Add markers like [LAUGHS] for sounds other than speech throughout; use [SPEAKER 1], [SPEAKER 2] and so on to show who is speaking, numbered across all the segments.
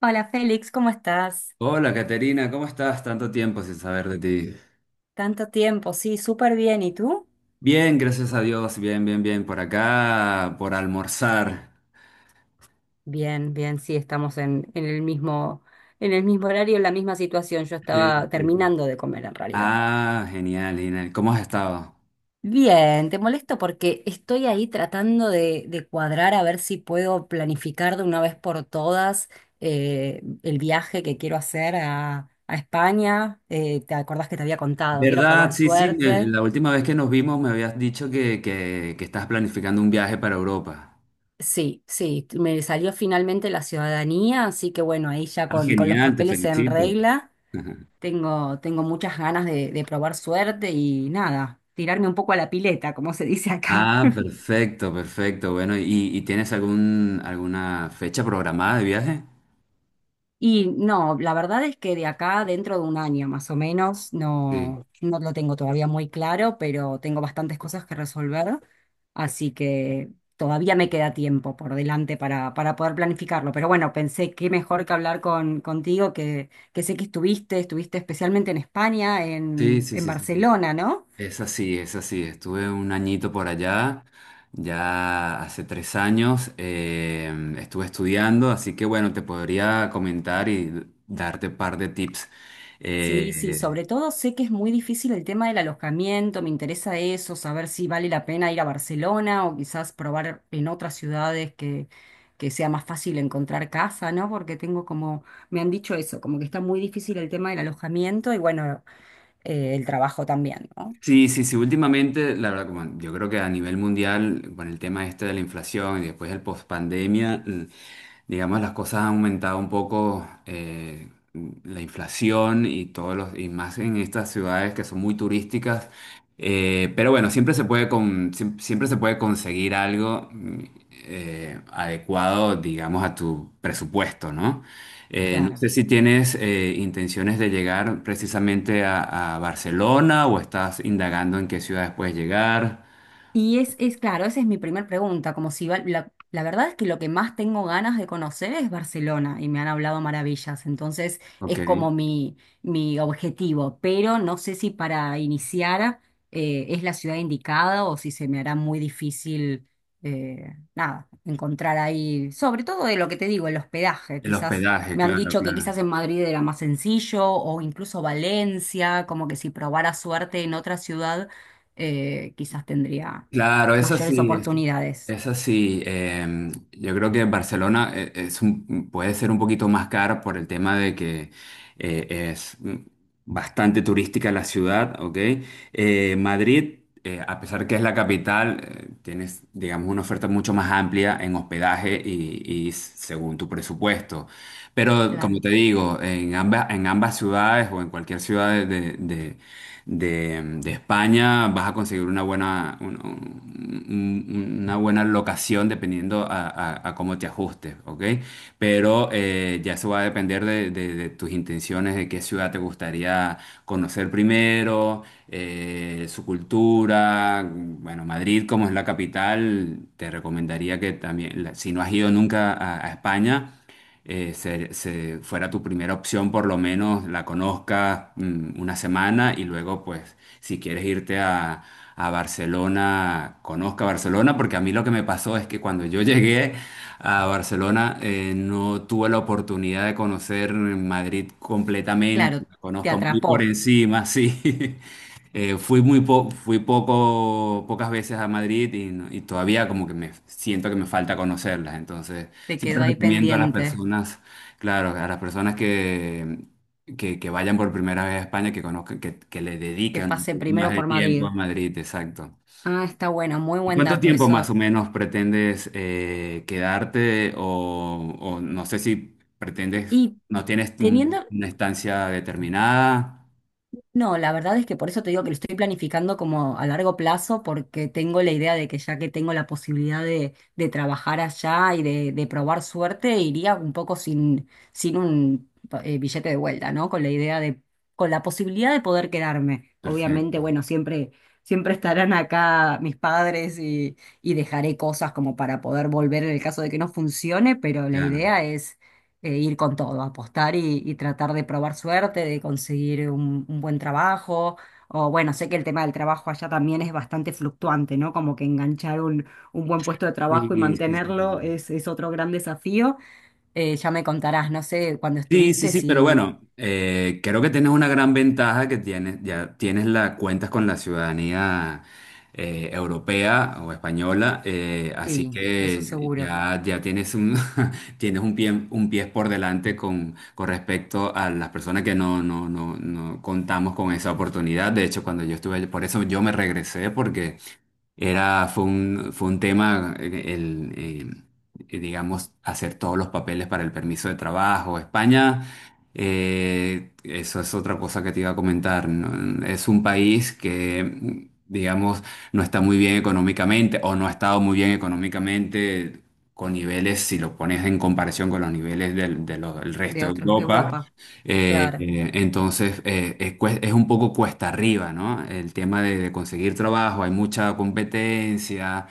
[SPEAKER 1] Hola Félix, ¿cómo estás?
[SPEAKER 2] Hola, Caterina, ¿cómo estás? Tanto tiempo sin saber de ti.
[SPEAKER 1] Tanto tiempo, sí, súper bien. ¿Y tú?
[SPEAKER 2] Bien, gracias a Dios, bien, bien, bien. Por acá, por almorzar.
[SPEAKER 1] Bien, bien, sí, estamos en el mismo, en el mismo horario, en la misma situación. Yo
[SPEAKER 2] Sí,
[SPEAKER 1] estaba
[SPEAKER 2] sí, sí.
[SPEAKER 1] terminando de comer en realidad.
[SPEAKER 2] Ah, genial, genial. ¿Cómo has estado?
[SPEAKER 1] Bien, te molesto porque estoy ahí tratando de cuadrar a ver si puedo planificar de una vez por todas el viaje que quiero hacer a España. ¿Te acordás que te había contado? Quiero
[SPEAKER 2] ¿Verdad?
[SPEAKER 1] probar
[SPEAKER 2] Sí, sí.
[SPEAKER 1] suerte.
[SPEAKER 2] La última vez que nos vimos me habías dicho que estás planificando un viaje para Europa.
[SPEAKER 1] Sí, sí, me salió finalmente la ciudadanía, así que bueno, ahí ya
[SPEAKER 2] Ah,
[SPEAKER 1] con los
[SPEAKER 2] genial, te
[SPEAKER 1] papeles en
[SPEAKER 2] felicito.
[SPEAKER 1] regla,
[SPEAKER 2] [LAUGHS]
[SPEAKER 1] tengo muchas ganas de probar suerte y nada, tirarme un poco a la pileta, como se dice acá.
[SPEAKER 2] Ah, perfecto, perfecto. Bueno, ¿y tienes algún, alguna fecha programada de viaje?
[SPEAKER 1] Y no, la verdad es que de acá, dentro de un año más o menos,
[SPEAKER 2] Sí.
[SPEAKER 1] no, no lo tengo todavía muy claro, pero tengo bastantes cosas que resolver, así que todavía me queda tiempo por delante para poder planificarlo. Pero bueno, pensé que mejor que hablar con, contigo, que sé que estuviste especialmente en España,
[SPEAKER 2] Sí, sí,
[SPEAKER 1] en
[SPEAKER 2] sí, sí. sí.
[SPEAKER 1] Barcelona, ¿no?
[SPEAKER 2] Es así, es así. Estuve un añito por allá, ya hace 3 años, estuve estudiando, así que bueno, te podría comentar y darte un par de tips. Sí.
[SPEAKER 1] Sí, sí, sobre todo sé que es muy difícil el tema del alojamiento, me interesa eso, saber si vale la pena ir a Barcelona o quizás probar en otras ciudades que sea más fácil encontrar casa, ¿no? Porque tengo como, me han dicho eso, como que está muy difícil el tema del alojamiento y bueno, el trabajo también, ¿no?
[SPEAKER 2] Sí, sí, sí, últimamente, la verdad, como yo creo que a nivel mundial, con el tema este de la inflación y después del post-pandemia, digamos, las cosas han aumentado un poco, la inflación y todos los, y más en estas ciudades que son muy turísticas. Pero bueno, siempre se puede siempre se puede conseguir algo adecuado, digamos, a tu presupuesto, ¿no? No
[SPEAKER 1] Claro.
[SPEAKER 2] sé si tienes intenciones de llegar precisamente a Barcelona o estás indagando en qué ciudades puedes llegar.
[SPEAKER 1] Y es claro, esa es mi primera pregunta, como si va- la verdad es que lo que más tengo ganas de conocer es Barcelona y me han hablado maravillas, entonces
[SPEAKER 2] Ok.
[SPEAKER 1] es como mi objetivo, pero no sé si para iniciar es la ciudad indicada o si se me hará muy difícil, nada, encontrar ahí, sobre todo de lo que te digo, el hospedaje,
[SPEAKER 2] El
[SPEAKER 1] quizás
[SPEAKER 2] hospedaje,
[SPEAKER 1] me han
[SPEAKER 2] claro,
[SPEAKER 1] dicho que quizás
[SPEAKER 2] claro.
[SPEAKER 1] en Madrid era más sencillo o incluso Valencia, como que si probara suerte en otra ciudad quizás tendría
[SPEAKER 2] Claro, es
[SPEAKER 1] mayores
[SPEAKER 2] así, es,
[SPEAKER 1] oportunidades.
[SPEAKER 2] es así. Yo creo que Barcelona puede ser un poquito más cara por el tema de que es bastante turística la ciudad, ¿ok? Madrid, a pesar que es la capital, tienes, digamos, una oferta mucho más amplia en hospedaje y, según tu presupuesto. Pero como
[SPEAKER 1] Claro.
[SPEAKER 2] te digo, en ambas ciudades o en cualquier ciudad de España, vas a conseguir una buena, una buena locación dependiendo a cómo te ajustes, ¿ok? Pero ya eso va a depender de tus intenciones, de qué ciudad te gustaría conocer primero, su cultura. Bueno, Madrid, como es la capital, te recomendaría que también, si no has ido nunca a a España, fuera tu primera opción, por lo menos la conozcas una semana y luego, pues, si quieres irte a Barcelona, conozca Barcelona, porque a mí lo que me pasó es que cuando yo [LAUGHS] llegué a Barcelona no tuve la oportunidad de conocer Madrid completamente,
[SPEAKER 1] Claro,
[SPEAKER 2] la
[SPEAKER 1] te
[SPEAKER 2] conozco muy por
[SPEAKER 1] atrapó,
[SPEAKER 2] encima, sí. [LAUGHS] Fui poco, pocas veces a Madrid y, no- y todavía como que me siento que me falta conocerlas, entonces
[SPEAKER 1] te quedó
[SPEAKER 2] siempre
[SPEAKER 1] ahí
[SPEAKER 2] recomiendo a las
[SPEAKER 1] pendiente,
[SPEAKER 2] personas, claro, a las personas que vayan por primera vez a España, que conozcan, que le
[SPEAKER 1] que
[SPEAKER 2] dedican un
[SPEAKER 1] pase
[SPEAKER 2] poco más
[SPEAKER 1] primero
[SPEAKER 2] de
[SPEAKER 1] por Madrid.
[SPEAKER 2] tiempo a Madrid, exacto.
[SPEAKER 1] Ah, está bueno, muy
[SPEAKER 2] ¿Y
[SPEAKER 1] buen
[SPEAKER 2] cuánto
[SPEAKER 1] dato
[SPEAKER 2] tiempo más o
[SPEAKER 1] eso.
[SPEAKER 2] menos pretendes quedarte? O no sé si pretendes,
[SPEAKER 1] Y
[SPEAKER 2] no tienes
[SPEAKER 1] teniendo
[SPEAKER 2] una estancia determinada.
[SPEAKER 1] No, la verdad es que por eso te digo que lo estoy planificando como a largo plazo, porque tengo la idea de que ya que tengo la posibilidad de trabajar allá y de probar suerte, iría un poco sin, sin un billete de vuelta, ¿no? Con la idea de, con la posibilidad de poder quedarme. Obviamente,
[SPEAKER 2] Perfecto,
[SPEAKER 1] bueno, siempre, siempre estarán acá mis padres y dejaré cosas como para poder volver en el caso de que no funcione, pero la
[SPEAKER 2] ya no.
[SPEAKER 1] idea ir con todo, apostar y tratar de probar suerte, de conseguir un buen trabajo. O bueno, sé que el tema del trabajo allá también es bastante fluctuante, ¿no? Como que enganchar un buen puesto de
[SPEAKER 2] Sí,
[SPEAKER 1] trabajo y
[SPEAKER 2] sí, sí, sí.
[SPEAKER 1] mantenerlo
[SPEAKER 2] sí.
[SPEAKER 1] es otro gran desafío. Ya me contarás, no sé, cuando
[SPEAKER 2] Sí, sí,
[SPEAKER 1] estuviste,
[SPEAKER 2] sí, pero
[SPEAKER 1] si,
[SPEAKER 2] bueno, creo que tienes una gran ventaja que tienes, ya tienes la, cuentas con la ciudadanía europea o española, así
[SPEAKER 1] sí, eso
[SPEAKER 2] que
[SPEAKER 1] seguro,
[SPEAKER 2] ya, ya tienes un, [LAUGHS] tienes un pie por delante con respecto a las personas que no contamos con esa oportunidad. De hecho, cuando yo estuve, por eso yo me regresé, porque era, fue un tema, digamos, hacer todos los papeles para el permiso de trabajo. España, eso es otra cosa que te iba a comentar, ¿no? Es un país que, digamos, no está muy bien económicamente o no ha estado muy bien económicamente con niveles, si lo pones en comparación con los niveles del
[SPEAKER 1] de
[SPEAKER 2] resto de
[SPEAKER 1] otros de
[SPEAKER 2] Europa.
[SPEAKER 1] Europa,
[SPEAKER 2] eh,
[SPEAKER 1] claro.
[SPEAKER 2] entonces, es un poco cuesta arriba, ¿no? El tema de conseguir trabajo, hay mucha competencia,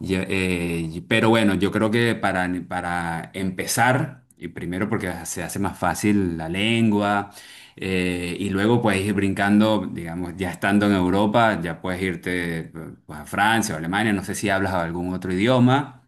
[SPEAKER 2] pero bueno, yo creo que para empezar, y primero porque se hace más fácil la lengua, y luego puedes ir brincando, digamos, ya estando en Europa, ya puedes irte pues, a Francia o Alemania, no sé si hablas algún otro idioma.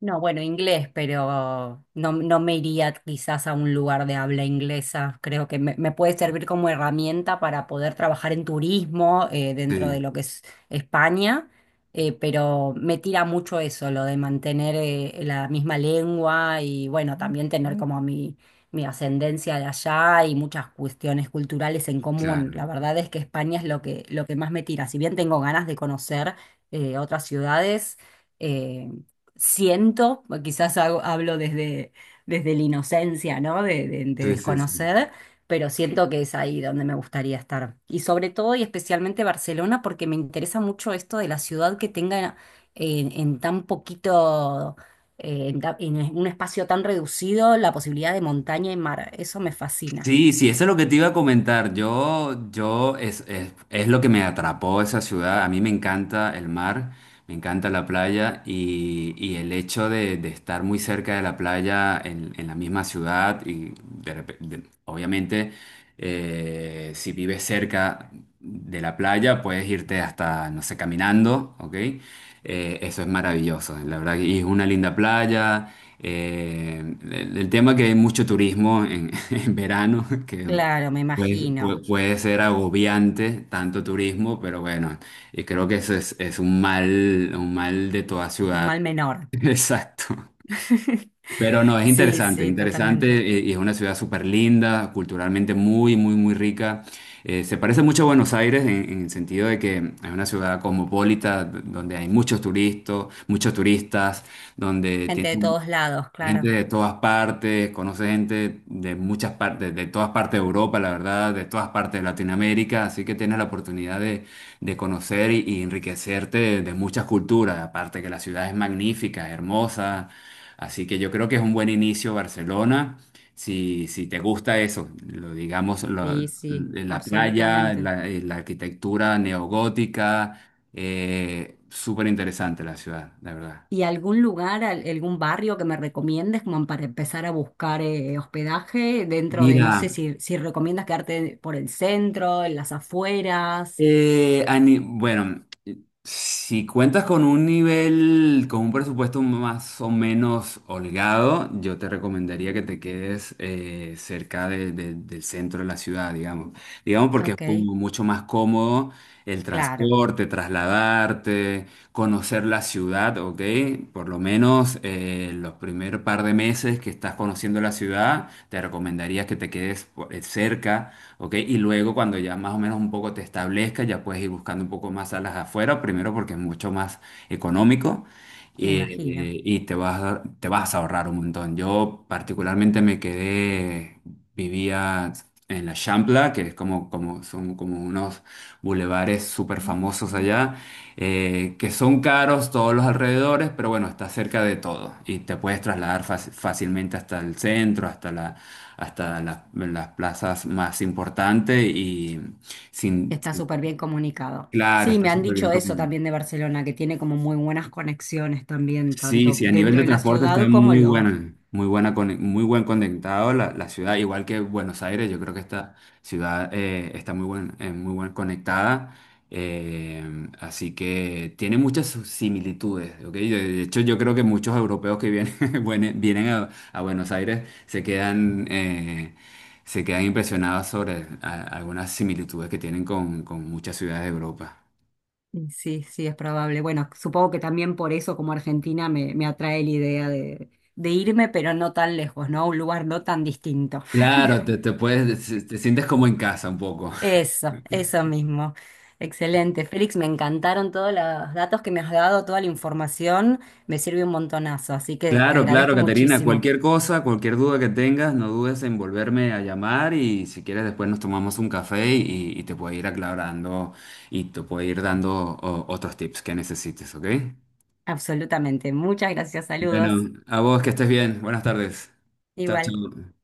[SPEAKER 1] No, bueno, inglés, pero no, no me iría quizás a un lugar de habla inglesa. Creo que me puede servir como herramienta para poder trabajar en turismo dentro de
[SPEAKER 2] Sí,
[SPEAKER 1] lo que es España, pero me tira mucho eso, lo de mantener la misma lengua y bueno, también tener como mi ascendencia de allá y muchas cuestiones culturales en común.
[SPEAKER 2] claro.
[SPEAKER 1] La verdad es que España es lo que más me tira. Si bien tengo ganas de conocer otras ciudades. eh, Siento, o quizás hago- hablo desde, desde la inocencia, ¿no? De
[SPEAKER 2] Sí, sí, sí.
[SPEAKER 1] desconocer, pero siento que es ahí donde me gustaría estar. Y sobre todo y especialmente Barcelona, porque me interesa mucho esto de la ciudad que tenga en tan poquito, en, ta- en un espacio tan reducido, la posibilidad de montaña y mar. Eso me fascina.
[SPEAKER 2] Sí, sí, eso es lo que te iba a comentar. Es lo que me atrapó esa ciudad. A mí me encanta el mar, me encanta la playa y el hecho de estar muy cerca de la playa en la misma ciudad y obviamente si vives cerca de la playa puedes irte hasta, no sé, caminando, ¿ok? Eso es maravilloso, la verdad. Y es una linda playa. El tema que hay mucho turismo en [LAUGHS] [LAUGHS] en verano, que
[SPEAKER 1] Claro, me imagino.
[SPEAKER 2] puede ser agobiante tanto turismo, pero bueno, y creo que eso es un mal de toda
[SPEAKER 1] Un
[SPEAKER 2] ciudad.
[SPEAKER 1] mal menor.
[SPEAKER 2] [LAUGHS] Exacto.
[SPEAKER 1] [LAUGHS]
[SPEAKER 2] Pero no, es
[SPEAKER 1] Sí,
[SPEAKER 2] interesante,
[SPEAKER 1] sí,
[SPEAKER 2] interesante
[SPEAKER 1] totalmente.
[SPEAKER 2] y es una ciudad súper linda, culturalmente muy, muy, muy rica. Se parece mucho a Buenos Aires en el sentido de que es una ciudad cosmopolita donde hay muchos turistas, donde
[SPEAKER 1] Gente
[SPEAKER 2] tiene
[SPEAKER 1] de todos lados,
[SPEAKER 2] gente
[SPEAKER 1] claro.
[SPEAKER 2] de todas partes, conoce gente de muchas partes, de todas partes de Europa, la verdad, de todas partes de Latinoamérica, así que tienes la oportunidad de conocer y enriquecerte de muchas culturas, aparte que la ciudad es magnífica, hermosa, así que yo creo que es un buen inicio Barcelona, si, si te gusta eso,
[SPEAKER 1] Sí, sí,
[SPEAKER 2] la playa,
[SPEAKER 1] absolutamente.
[SPEAKER 2] la arquitectura neogótica, súper interesante la ciudad, la verdad.
[SPEAKER 1] ¿Y algún lugar, al- algún barrio que me recomiendes como para empezar a buscar hospedaje dentro de, no
[SPEAKER 2] Mira.
[SPEAKER 1] sé si, si recomiendas quedarte por el centro, en las afueras?
[SPEAKER 2] Bueno, si cuentas con un nivel, con un presupuesto más o menos holgado, yo te recomendaría que te quedes cerca del centro de la ciudad, digamos. Digamos porque es
[SPEAKER 1] Ok,
[SPEAKER 2] como mucho más cómodo el
[SPEAKER 1] claro,
[SPEAKER 2] transporte, trasladarte, conocer la ciudad, ¿ok? Por lo menos los primer par de meses que estás conociendo la ciudad, te recomendaría que te quedes cerca, ¿ok? Y luego cuando ya más o menos un poco te establezcas, ya puedes ir buscando un poco más salas afuera, primero porque es mucho más económico
[SPEAKER 1] me imagino.
[SPEAKER 2] y te vas, te vas a ahorrar un montón. Yo particularmente me quedé, vivía en la Champla, que es como, como, son como unos bulevares súper famosos
[SPEAKER 1] Mm.
[SPEAKER 2] allá, que son caros todos los alrededores, pero bueno, está cerca de todo y te puedes trasladar fácilmente hasta el centro, hasta la hasta en las plazas más importantes y sin,
[SPEAKER 1] Está súper bien comunicado.
[SPEAKER 2] claro,
[SPEAKER 1] Sí,
[SPEAKER 2] está
[SPEAKER 1] me han
[SPEAKER 2] súper bien.
[SPEAKER 1] dicho eso también de Barcelona, que tiene como muy buenas conexiones también,
[SPEAKER 2] Sí,
[SPEAKER 1] tanto
[SPEAKER 2] sí, a nivel
[SPEAKER 1] dentro
[SPEAKER 2] de
[SPEAKER 1] de la
[SPEAKER 2] transporte está
[SPEAKER 1] ciudad como
[SPEAKER 2] muy
[SPEAKER 1] los,
[SPEAKER 2] buena, muy buena, muy buen conectado la, la ciudad, igual que Buenos Aires, yo creo que esta ciudad está muy buen conectada, así que tiene muchas sus similitudes, ¿ok? De hecho, yo creo que muchos europeos que vienen, [LAUGHS] vienen a Buenos Aires se quedan impresionados sobre algunas similitudes que tienen con muchas ciudades de Europa.
[SPEAKER 1] Y sí, sí, es probable. Bueno, supongo que también por eso como Argentina me, me atrae la idea de irme, pero no tan lejos, ¿no? A un lugar no tan distinto.
[SPEAKER 2] Claro, te,
[SPEAKER 1] [LAUGHS]
[SPEAKER 2] te puedes, te sientes como en casa un poco.
[SPEAKER 1] Eso mismo. Excelente. Félix, me encantaron todos los datos que me has dado, toda la información, me sirve un montonazo, así que te
[SPEAKER 2] Claro, claro,
[SPEAKER 1] agradezco
[SPEAKER 2] Caterina,
[SPEAKER 1] muchísimo.
[SPEAKER 2] cualquier cosa, cualquier duda que tengas, no dudes en volverme a llamar y si quieres después nos tomamos un café y te puedo ir aclarando y te puedo ir dando otros tips que necesites, ¿ok?
[SPEAKER 1] Absolutamente. Muchas gracias, saludos.
[SPEAKER 2] Bueno, a vos que estés bien, buenas tardes. Chao,
[SPEAKER 1] Igual.
[SPEAKER 2] chao.